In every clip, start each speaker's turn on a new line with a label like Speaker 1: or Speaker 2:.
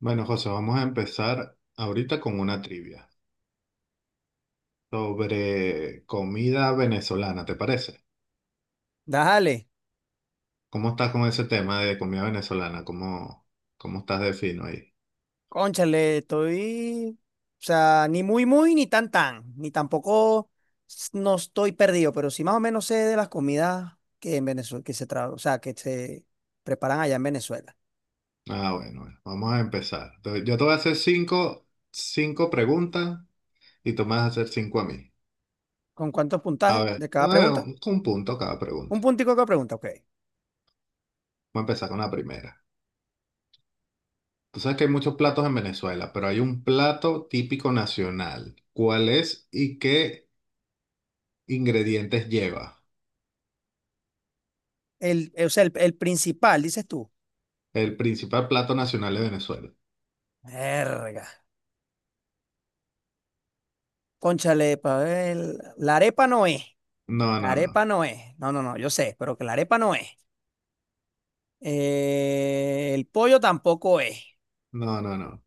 Speaker 1: Bueno, José, vamos a empezar ahorita con una trivia sobre comida venezolana, ¿te parece?
Speaker 2: Dale,
Speaker 1: ¿Cómo estás con ese tema de comida venezolana? ¿Cómo estás de fino ahí?
Speaker 2: cónchale, estoy, o sea, ni muy, muy, ni tan, tan, ni tampoco no estoy perdido, pero sí más o menos sé de las comidas que en Venezuela, que se tra- o sea, que se preparan allá en Venezuela.
Speaker 1: Ah, bueno, bueno, vamos a empezar. Entonces, yo te voy a hacer cinco preguntas y tú me vas a hacer 5 a mí.
Speaker 2: ¿Con cuántos
Speaker 1: A
Speaker 2: puntajes
Speaker 1: ver,
Speaker 2: de cada
Speaker 1: bueno,
Speaker 2: pregunta?
Speaker 1: un punto cada pregunta.
Speaker 2: Un puntico de cada pregunta, ok.
Speaker 1: Vamos a empezar con la primera. Tú sabes que hay muchos platos en Venezuela, pero hay un plato típico nacional. ¿Cuál es y qué ingredientes lleva?
Speaker 2: El, o sea, el principal, dices tú.
Speaker 1: El principal plato nacional de Venezuela.
Speaker 2: Verga. Cónchale, pa' ver, la arepa no es,
Speaker 1: No,
Speaker 2: la
Speaker 1: no, no.
Speaker 2: arepa no es, no, no, no, yo sé, pero que la arepa no es. El pollo tampoco es.
Speaker 1: No, no, no.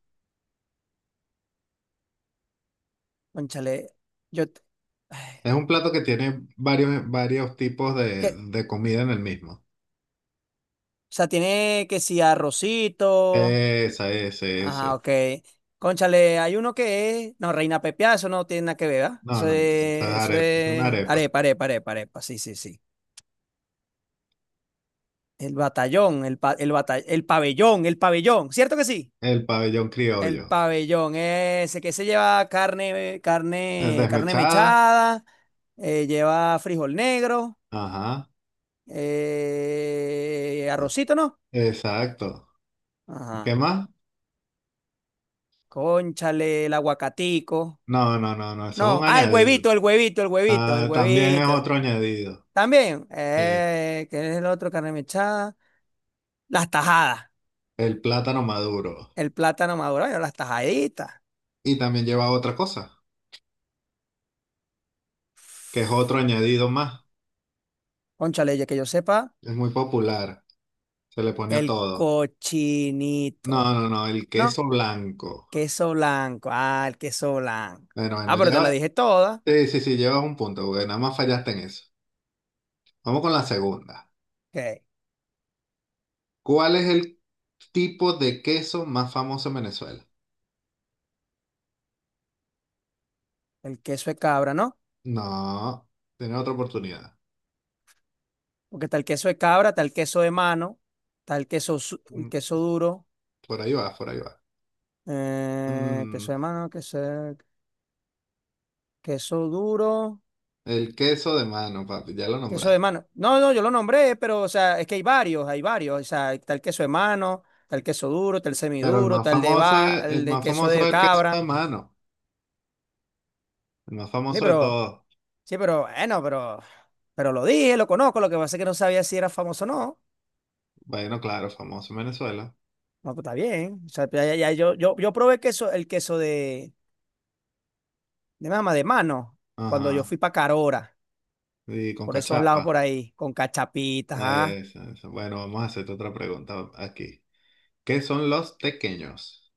Speaker 2: Cónchale, yo... t-
Speaker 1: Es un
Speaker 2: ay,
Speaker 1: plato que tiene varios tipos
Speaker 2: que,
Speaker 1: de,
Speaker 2: o
Speaker 1: de comida en el mismo.
Speaker 2: tiene que si arrocito.
Speaker 1: Esa, ese,
Speaker 2: Ajá,
Speaker 1: ese.
Speaker 2: ok. Cónchale, hay uno que es... No, reina pepiada, eso no tiene nada que ver, ¿ah?
Speaker 1: No, no, no. Esa es
Speaker 2: Eso
Speaker 1: arepa, es una
Speaker 2: es...
Speaker 1: arepa.
Speaker 2: Arepa, arepa, arepa, arepa. Sí, sí, sí. El batallón, el, pa- el, bata- el pabellón, El pabellón. ¿Cierto que sí?
Speaker 1: El pabellón
Speaker 2: El
Speaker 1: criollo.
Speaker 2: pabellón, ese que se lleva carne
Speaker 1: Desmechada.
Speaker 2: mechada, lleva frijol negro,
Speaker 1: Ajá.
Speaker 2: arrocito, ¿no?
Speaker 1: Exacto. ¿Qué
Speaker 2: Ajá.
Speaker 1: más?
Speaker 2: Cónchale, el aguacatico.
Speaker 1: No, no, no, no. Eso es un
Speaker 2: No, ah,
Speaker 1: añadido.
Speaker 2: el
Speaker 1: Ah, también es
Speaker 2: huevito.
Speaker 1: otro añadido.
Speaker 2: También,
Speaker 1: Sí.
Speaker 2: ¿qué es el otro carne mechada? Las tajadas,
Speaker 1: El plátano maduro.
Speaker 2: el plátano maduro, bueno, las tajaditas.
Speaker 1: Y también lleva otra cosa, que es otro añadido más.
Speaker 2: Cónchale, ya que yo sepa,
Speaker 1: Es muy popular. Se le ponía
Speaker 2: el
Speaker 1: todo. No,
Speaker 2: cochinito.
Speaker 1: no, no, el
Speaker 2: No,
Speaker 1: queso blanco.
Speaker 2: queso blanco, ah, el queso blanco.
Speaker 1: Bueno,
Speaker 2: Ah,
Speaker 1: bueno,
Speaker 2: pero te la
Speaker 1: lleva,
Speaker 2: dije toda.
Speaker 1: sí, sí, sí, llevas un punto, porque nada más fallaste en eso. Vamos con la segunda.
Speaker 2: Ok,
Speaker 1: ¿Cuál es el tipo de queso más famoso en Venezuela?
Speaker 2: el queso de cabra, ¿no?
Speaker 1: No, tienes otra oportunidad.
Speaker 2: Porque está el queso de cabra, está el queso de mano, está el
Speaker 1: Mm,
Speaker 2: queso duro.
Speaker 1: por ahí va, por ahí va. Mm,
Speaker 2: Queso de mano, queso, queso duro,
Speaker 1: el queso de mano, papi, ya lo
Speaker 2: queso de
Speaker 1: nombraste.
Speaker 2: mano. No, no, yo lo nombré, pero, o sea, es que hay varios. O sea, está el queso de mano, está el queso duro, está el
Speaker 1: Pero el
Speaker 2: semiduro,
Speaker 1: más
Speaker 2: está el de
Speaker 1: famoso
Speaker 2: va,
Speaker 1: es, el
Speaker 2: el de
Speaker 1: más
Speaker 2: queso
Speaker 1: famoso
Speaker 2: de
Speaker 1: es el queso de
Speaker 2: cabra.
Speaker 1: mano. El más
Speaker 2: Sí,
Speaker 1: famoso de
Speaker 2: pero,
Speaker 1: todos.
Speaker 2: sí, pero, bueno, pero, pero lo dije, lo conozco, lo que pasa es que no sabía si era famoso o no.
Speaker 1: Bueno, claro, famoso en Venezuela.
Speaker 2: No, pues está bien. O sea, yo probé queso, el queso de mamá de mano, cuando yo
Speaker 1: Ajá.
Speaker 2: fui para Carora,
Speaker 1: Y con
Speaker 2: por esos lados
Speaker 1: cachapa.
Speaker 2: por ahí, con cachapitas, ah.
Speaker 1: Eso, eso. Bueno, vamos a hacerte otra pregunta aquí. ¿Qué son los tequeños?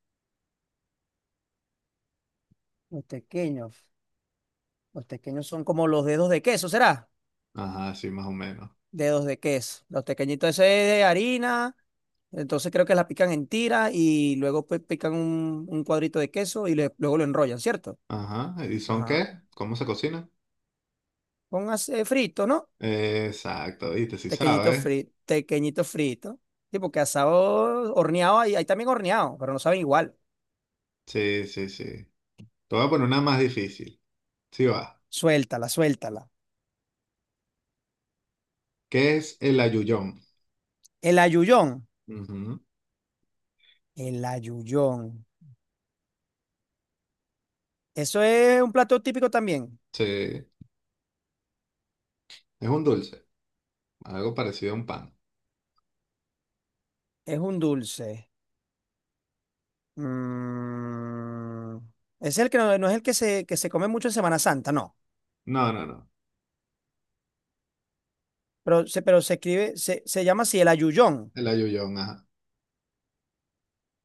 Speaker 2: Los pequeños, los pequeños son como los dedos de queso, ¿será?
Speaker 1: Ajá, sí, más o menos.
Speaker 2: Dedos de queso. Los pequeñitos ese es de harina, entonces creo que la pican en tira y luego pues pican un cuadrito de queso luego lo enrollan, ¿cierto?
Speaker 1: Ajá, ¿y son
Speaker 2: Ajá.
Speaker 1: qué? ¿Cómo se cocina?
Speaker 2: Póngase frito, ¿no?
Speaker 1: Exacto, viste, sí
Speaker 2: Pequeñito
Speaker 1: sabes.
Speaker 2: frito, pequeñito frito. Sí, porque asado horneado hay también horneado, pero no saben igual.
Speaker 1: Sí, sí, sí. Te voy a poner una más difícil. Sí va.
Speaker 2: Suéltala, suéltala.
Speaker 1: ¿Qué es el ayuyón?
Speaker 2: El ayuyón.
Speaker 1: Ujú,
Speaker 2: El ayuyón. Eso es un plato típico también.
Speaker 1: sí, es un dulce, algo parecido a un pan.
Speaker 2: Es un dulce. Mm, es el que no es el que que se come mucho en Semana Santa, no.
Speaker 1: No, no, no.
Speaker 2: Pero se escribe, se llama así el ayuyón.
Speaker 1: El ayuyón, ajá.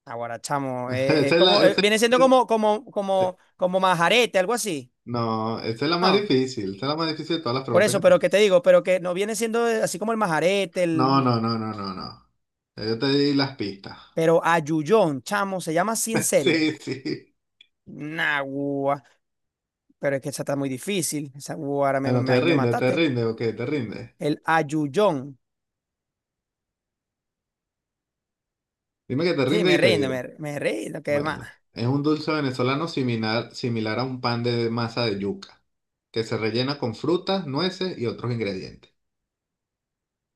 Speaker 2: Ahora, chamo,
Speaker 1: Esa
Speaker 2: es
Speaker 1: es la,
Speaker 2: como,
Speaker 1: esa
Speaker 2: viene siendo
Speaker 1: es-
Speaker 2: como majarete, algo así.
Speaker 1: No, esta es la más
Speaker 2: No,
Speaker 1: difícil. Esta es la más difícil de todas las
Speaker 2: por
Speaker 1: preguntas
Speaker 2: eso,
Speaker 1: que
Speaker 2: pero
Speaker 1: tengo.
Speaker 2: que te digo, pero que no viene siendo así como el majarete,
Speaker 1: No,
Speaker 2: el,
Speaker 1: no, no, no, no, no. Ya yo te di las pistas.
Speaker 2: pero ayuyón, chamo, se llama así en serio.
Speaker 1: Sí, sí.
Speaker 2: Nah, guau, pero es que esa está muy difícil. Esa, guau,
Speaker 1: Bueno,
Speaker 2: ahí me
Speaker 1: te
Speaker 2: mataste.
Speaker 1: rinde, ok, te rinde.
Speaker 2: El ayuyón.
Speaker 1: Dime que te
Speaker 2: Sí,
Speaker 1: rinde
Speaker 2: me
Speaker 1: y te
Speaker 2: rindo,
Speaker 1: digo.
Speaker 2: me rindo, qué más.
Speaker 1: Bueno, es un dulce venezolano similar a un pan de masa de yuca, que se rellena con frutas, nueces y otros ingredientes.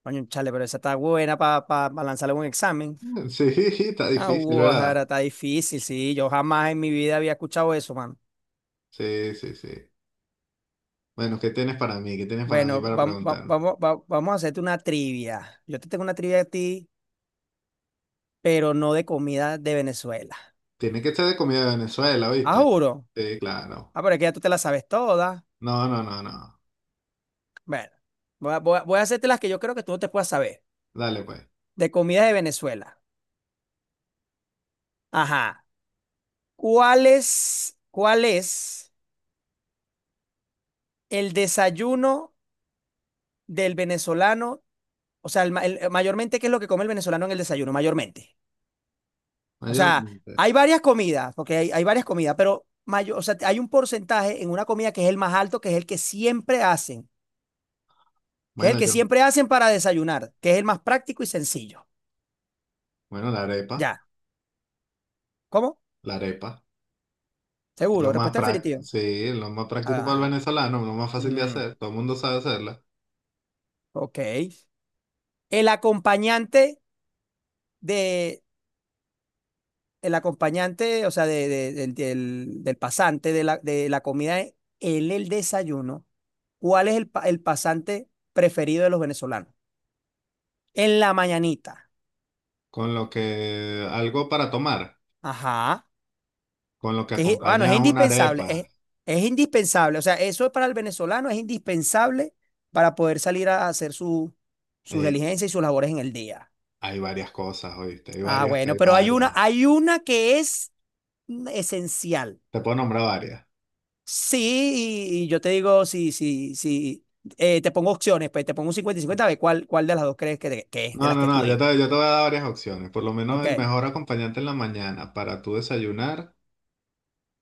Speaker 2: Coño, chale, pero esa está buena para lanzarle un examen.
Speaker 1: Mm, sí, está
Speaker 2: Ah,
Speaker 1: difícil,
Speaker 2: Guajara,
Speaker 1: ¿verdad?
Speaker 2: está difícil, sí. Yo jamás en mi vida había escuchado eso, mano.
Speaker 1: Sí, sí, sí. Bueno, ¿qué tienes para mí? ¿Qué tienes para mí
Speaker 2: Bueno,
Speaker 1: para preguntarme?
Speaker 2: vamos a hacerte una trivia. Yo te tengo una trivia a ti, pero no de comida de Venezuela.
Speaker 1: Tiene que ser de comida de Venezuela,
Speaker 2: Ah,
Speaker 1: ¿viste?
Speaker 2: juro.
Speaker 1: Sí, claro.
Speaker 2: Ah, pero es que ya tú te la sabes toda.
Speaker 1: No, no, no, no.
Speaker 2: Bueno, voy a hacerte las que yo creo que tú no te puedas saber.
Speaker 1: Dale, pues.
Speaker 2: De comida de Venezuela. Ajá. ¿Cuál es el desayuno del venezolano? O sea, mayormente, ¿qué es lo que come el venezolano en el desayuno? Mayormente. O sea,
Speaker 1: Mayormente.
Speaker 2: hay varias comidas, porque hay varias comidas, pero o sea, hay un porcentaje en una comida que es el más alto, que es el que siempre hacen, que es el
Speaker 1: Bueno,
Speaker 2: que
Speaker 1: yo
Speaker 2: siempre hacen para desayunar, que es el más práctico y sencillo.
Speaker 1: Bueno, la arepa,
Speaker 2: Ya. ¿Cómo?
Speaker 1: la arepa. Es lo
Speaker 2: Seguro,
Speaker 1: más
Speaker 2: respuesta
Speaker 1: práctico,
Speaker 2: definitiva.
Speaker 1: sí, es lo más práctico para el
Speaker 2: Ah,
Speaker 1: venezolano, lo más fácil de
Speaker 2: mm,
Speaker 1: hacer, todo el mundo sabe hacerla.
Speaker 2: ok. El acompañante de, el acompañante, o sea, del pasante de la comida, es el desayuno. ¿Cuál es el pasante preferido de los venezolanos? En la mañanita.
Speaker 1: Con lo que, algo para tomar,
Speaker 2: Ajá.
Speaker 1: con lo que
Speaker 2: Que, es- bueno, es
Speaker 1: acompañas una
Speaker 2: indispensable,
Speaker 1: arepa.
Speaker 2: es indispensable. O sea, eso es para el venezolano, es indispensable para poder salir a hacer su, sus
Speaker 1: Eh,
Speaker 2: diligencias y sus labores en el día.
Speaker 1: Hay varias cosas, ¿oíste? Hay
Speaker 2: Ah,
Speaker 1: varias,
Speaker 2: bueno,
Speaker 1: hay
Speaker 2: pero
Speaker 1: varias.
Speaker 2: hay una que es esencial.
Speaker 1: Te puedo nombrar varias.
Speaker 2: Sí, y yo te digo, si te pongo opciones, pues te pongo un 50/50 a ver cuál, cuál de las dos crees que, de- que es, de
Speaker 1: No,
Speaker 2: las
Speaker 1: no,
Speaker 2: que tú
Speaker 1: no,
Speaker 2: digas.
Speaker 1: yo te voy a dar varias opciones. Por lo menos el
Speaker 2: Ok.
Speaker 1: mejor acompañante en la mañana para tu desayunar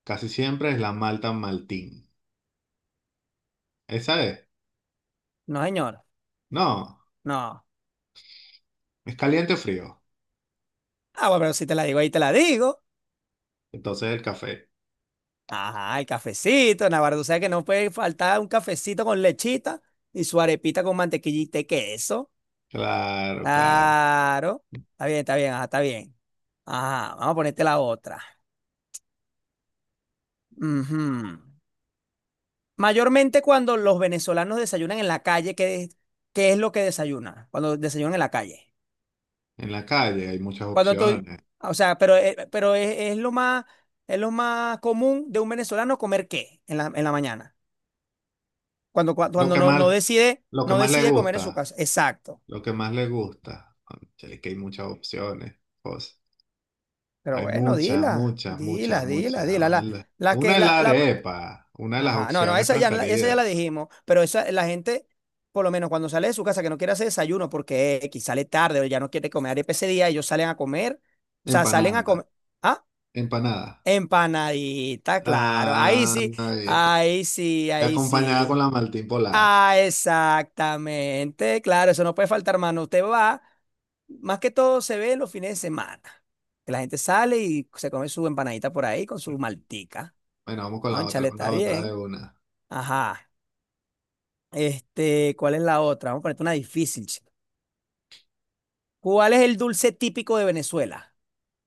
Speaker 1: casi siempre es la malta maltín. ¿Esa es?
Speaker 2: No, señor.
Speaker 1: No,
Speaker 2: No.
Speaker 1: es caliente o frío.
Speaker 2: Ah, bueno, pero si te la digo ahí, te la digo.
Speaker 1: Entonces el café.
Speaker 2: Ajá, el cafecito, Navarro. O sea que no puede faltar un cafecito con lechita y su arepita con mantequillita y queso.
Speaker 1: Claro, claro.
Speaker 2: Claro. Está bien, está bien. Ajá, vamos a ponerte la otra. Ujú. Mayormente cuando los venezolanos desayunan en la calle, ¿qué es lo que desayunan? Cuando desayunan en la calle.
Speaker 1: En la calle hay muchas
Speaker 2: Cuando tú,
Speaker 1: opciones.
Speaker 2: o sea, pero es lo más común de un venezolano comer qué en la mañana. Cuando,
Speaker 1: Lo
Speaker 2: cuando
Speaker 1: que
Speaker 2: no, no
Speaker 1: más,
Speaker 2: decide,
Speaker 1: lo que
Speaker 2: no
Speaker 1: más le
Speaker 2: decide comer en su
Speaker 1: gusta,
Speaker 2: casa. Exacto.
Speaker 1: lo que más le gusta. Cónchale, que hay muchas opciones. Cosas.
Speaker 2: Pero
Speaker 1: Hay
Speaker 2: bueno,
Speaker 1: muchas, muchas, muchas, muchas.
Speaker 2: dila.
Speaker 1: Ojalá. Una es la
Speaker 2: La,
Speaker 1: arepa, una de las
Speaker 2: ajá, no, no,
Speaker 1: opciones
Speaker 2: esa ya, esa ya la
Speaker 1: preferidas.
Speaker 2: dijimos, pero esa, la gente, por lo menos cuando sale de su casa, que no quiere hacer desayuno porque X sale tarde o ya no quiere comer arepa ese día, ellos salen a comer, o sea, salen a
Speaker 1: Empanada,
Speaker 2: comer, ah,
Speaker 1: empanada.
Speaker 2: empanadita, claro, ahí
Speaker 1: Ah,
Speaker 2: sí,
Speaker 1: ahí está.
Speaker 2: ahí sí, ahí
Speaker 1: Acompañada con
Speaker 2: sí.
Speaker 1: la maltín polar.
Speaker 2: Ah, exactamente, claro, eso no puede faltar, mano. Usted va, más que todo se ve en los fines de semana, que la gente sale y se come su empanadita por ahí con su maltica.
Speaker 1: Bueno, vamos
Speaker 2: Cónchale,
Speaker 1: con la
Speaker 2: está
Speaker 1: otra de
Speaker 2: bien.
Speaker 1: una.
Speaker 2: Ajá. Este, ¿cuál es la otra? Vamos a ponerte una difícil, chico. ¿Cuál es el dulce típico de Venezuela?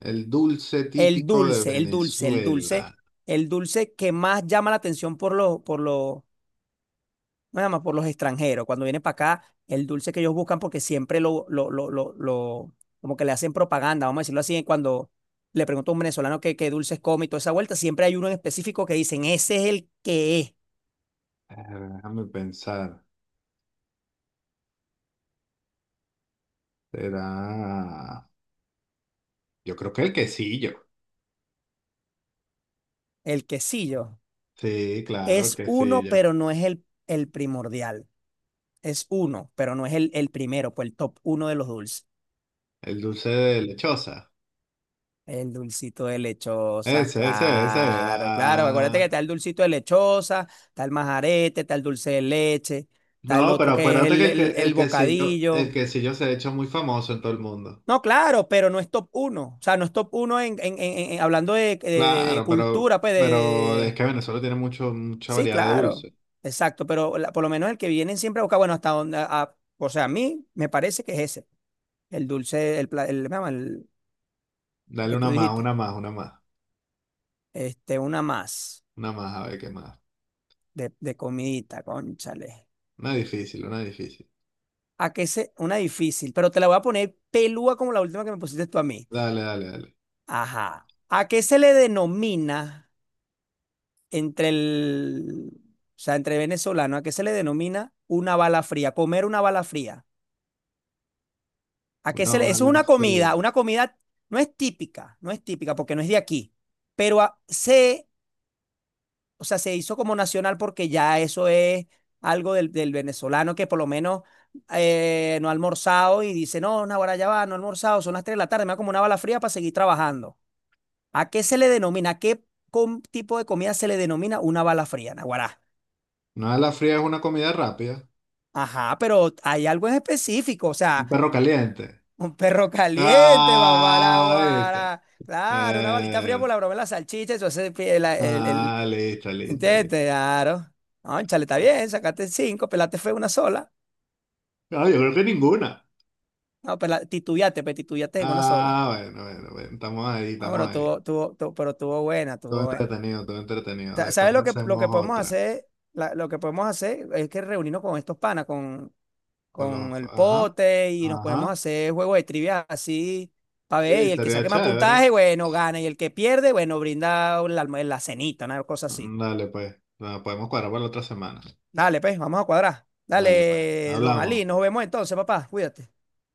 Speaker 1: El dulce
Speaker 2: El
Speaker 1: típico de
Speaker 2: dulce, el dulce, el dulce,
Speaker 1: Venezuela.
Speaker 2: el dulce que más llama la atención por los, nada más por los extranjeros. Cuando vienen para acá, el dulce que ellos buscan, porque siempre como que le hacen propaganda, vamos a decirlo así, cuando le pregunto a un venezolano qué, qué dulces come y toda esa vuelta, siempre hay uno en específico que dicen, ese es el que es,
Speaker 1: Déjame pensar. Será. Yo creo que el quesillo.
Speaker 2: el quesillo.
Speaker 1: Sí, claro, el
Speaker 2: Es uno,
Speaker 1: quesillo.
Speaker 2: pero no es el primordial. Es uno, pero no es el primero, pues el top uno de los dulces.
Speaker 1: El dulce de lechosa.
Speaker 2: El dulcito de lechosa,
Speaker 1: Ese, ese, ese.
Speaker 2: claro, claro. Acuérdate que
Speaker 1: Ah.
Speaker 2: está el dulcito de lechosa, está el majarete, está el dulce de leche, está el
Speaker 1: No, pero
Speaker 2: otro que es
Speaker 1: acuérdate que
Speaker 2: el
Speaker 1: el
Speaker 2: bocadillo.
Speaker 1: quesillo se ha hecho muy famoso en todo el mundo.
Speaker 2: No, claro, pero no es top uno. O sea, no es top uno hablando de, de
Speaker 1: Claro,
Speaker 2: cultura, pues de,
Speaker 1: pero es que Venezuela tiene mucho, mucha
Speaker 2: Sí,
Speaker 1: variedad de
Speaker 2: claro,
Speaker 1: dulce.
Speaker 2: exacto, pero por lo menos el que vienen siempre a buscar, bueno, hasta donde... a- o sea, a mí me parece que es ese, el dulce, el, ¿cómo se llama? El
Speaker 1: Dale
Speaker 2: que tú
Speaker 1: una más,
Speaker 2: dijiste,
Speaker 1: una más, una más.
Speaker 2: este, una más.
Speaker 1: Una más, a ver qué más.
Speaker 2: De comidita, cónchale.
Speaker 1: Una difícil, una difícil.
Speaker 2: ¿A qué se...? Una difícil, pero te la voy a poner pelúa como la última que me pusiste tú a mí.
Speaker 1: Dale, dale, dale.
Speaker 2: Ajá. ¿A qué se le denomina entre el... O sea, entre venezolano, ¿a qué se le denomina una bala fría? Comer una bala fría. ¿A qué
Speaker 1: Una
Speaker 2: se le...? Eso es
Speaker 1: bala fría.
Speaker 2: una comida no es típica, no es típica porque no es de aquí, pero a- se o sea, se hizo como nacional porque ya eso es algo del, del venezolano que por lo menos no ha almorzado y dice, no, ahora ya va, no he almorzado, son las 3 de la tarde, me voy como una bala fría para seguir trabajando. ¿A qué se le denomina? ¿A qué tipo de comida se le denomina una bala fría, Naguará?
Speaker 1: Una bala fría es una comida rápida.
Speaker 2: Ajá, pero hay algo en específico, o
Speaker 1: Un
Speaker 2: sea,
Speaker 1: perro caliente.
Speaker 2: un perro caliente, papá,
Speaker 1: Ah, ¿viste?
Speaker 2: Naguará. Claro, una balita fría por
Speaker 1: Eh,
Speaker 2: la broma de la salchicha, eso hace el, el, el, el-
Speaker 1: listo, listo, listo.
Speaker 2: ¿entiendes? Claro. Cónchale, está bien, sacaste cinco, pelaste fue una sola.
Speaker 1: No, yo creo que ninguna.
Speaker 2: No, pero la, titubeaste, pero titubeaste en una sola.
Speaker 1: Ah, bueno, bueno, bueno, estamos ahí,
Speaker 2: No,
Speaker 1: estamos
Speaker 2: pero
Speaker 1: ahí.
Speaker 2: pero tuvo buena,
Speaker 1: Todo
Speaker 2: tuvo buena.
Speaker 1: entretenido, todo entretenido. Después
Speaker 2: ¿Sabes lo que
Speaker 1: hacemos
Speaker 2: podemos
Speaker 1: otra.
Speaker 2: hacer? Lo que podemos hacer es que reunirnos con estos panas,
Speaker 1: Con los,
Speaker 2: con el
Speaker 1: ajá,
Speaker 2: pote, y nos podemos
Speaker 1: ajá.
Speaker 2: hacer juegos de trivia así, para ver,
Speaker 1: Sí,
Speaker 2: y el que
Speaker 1: sería
Speaker 2: saque más
Speaker 1: chévere.
Speaker 2: puntaje, bueno, gana, y el que pierde, bueno, brinda la, la cenita, una cosa así.
Speaker 1: Dale, pues. Bueno, podemos cuadrar para la otra semana.
Speaker 2: Dale, pues, vamos a cuadrar.
Speaker 1: Dale, pues.
Speaker 2: Dale, don Ali,
Speaker 1: Hablamos.
Speaker 2: nos vemos entonces, papá, cuídate.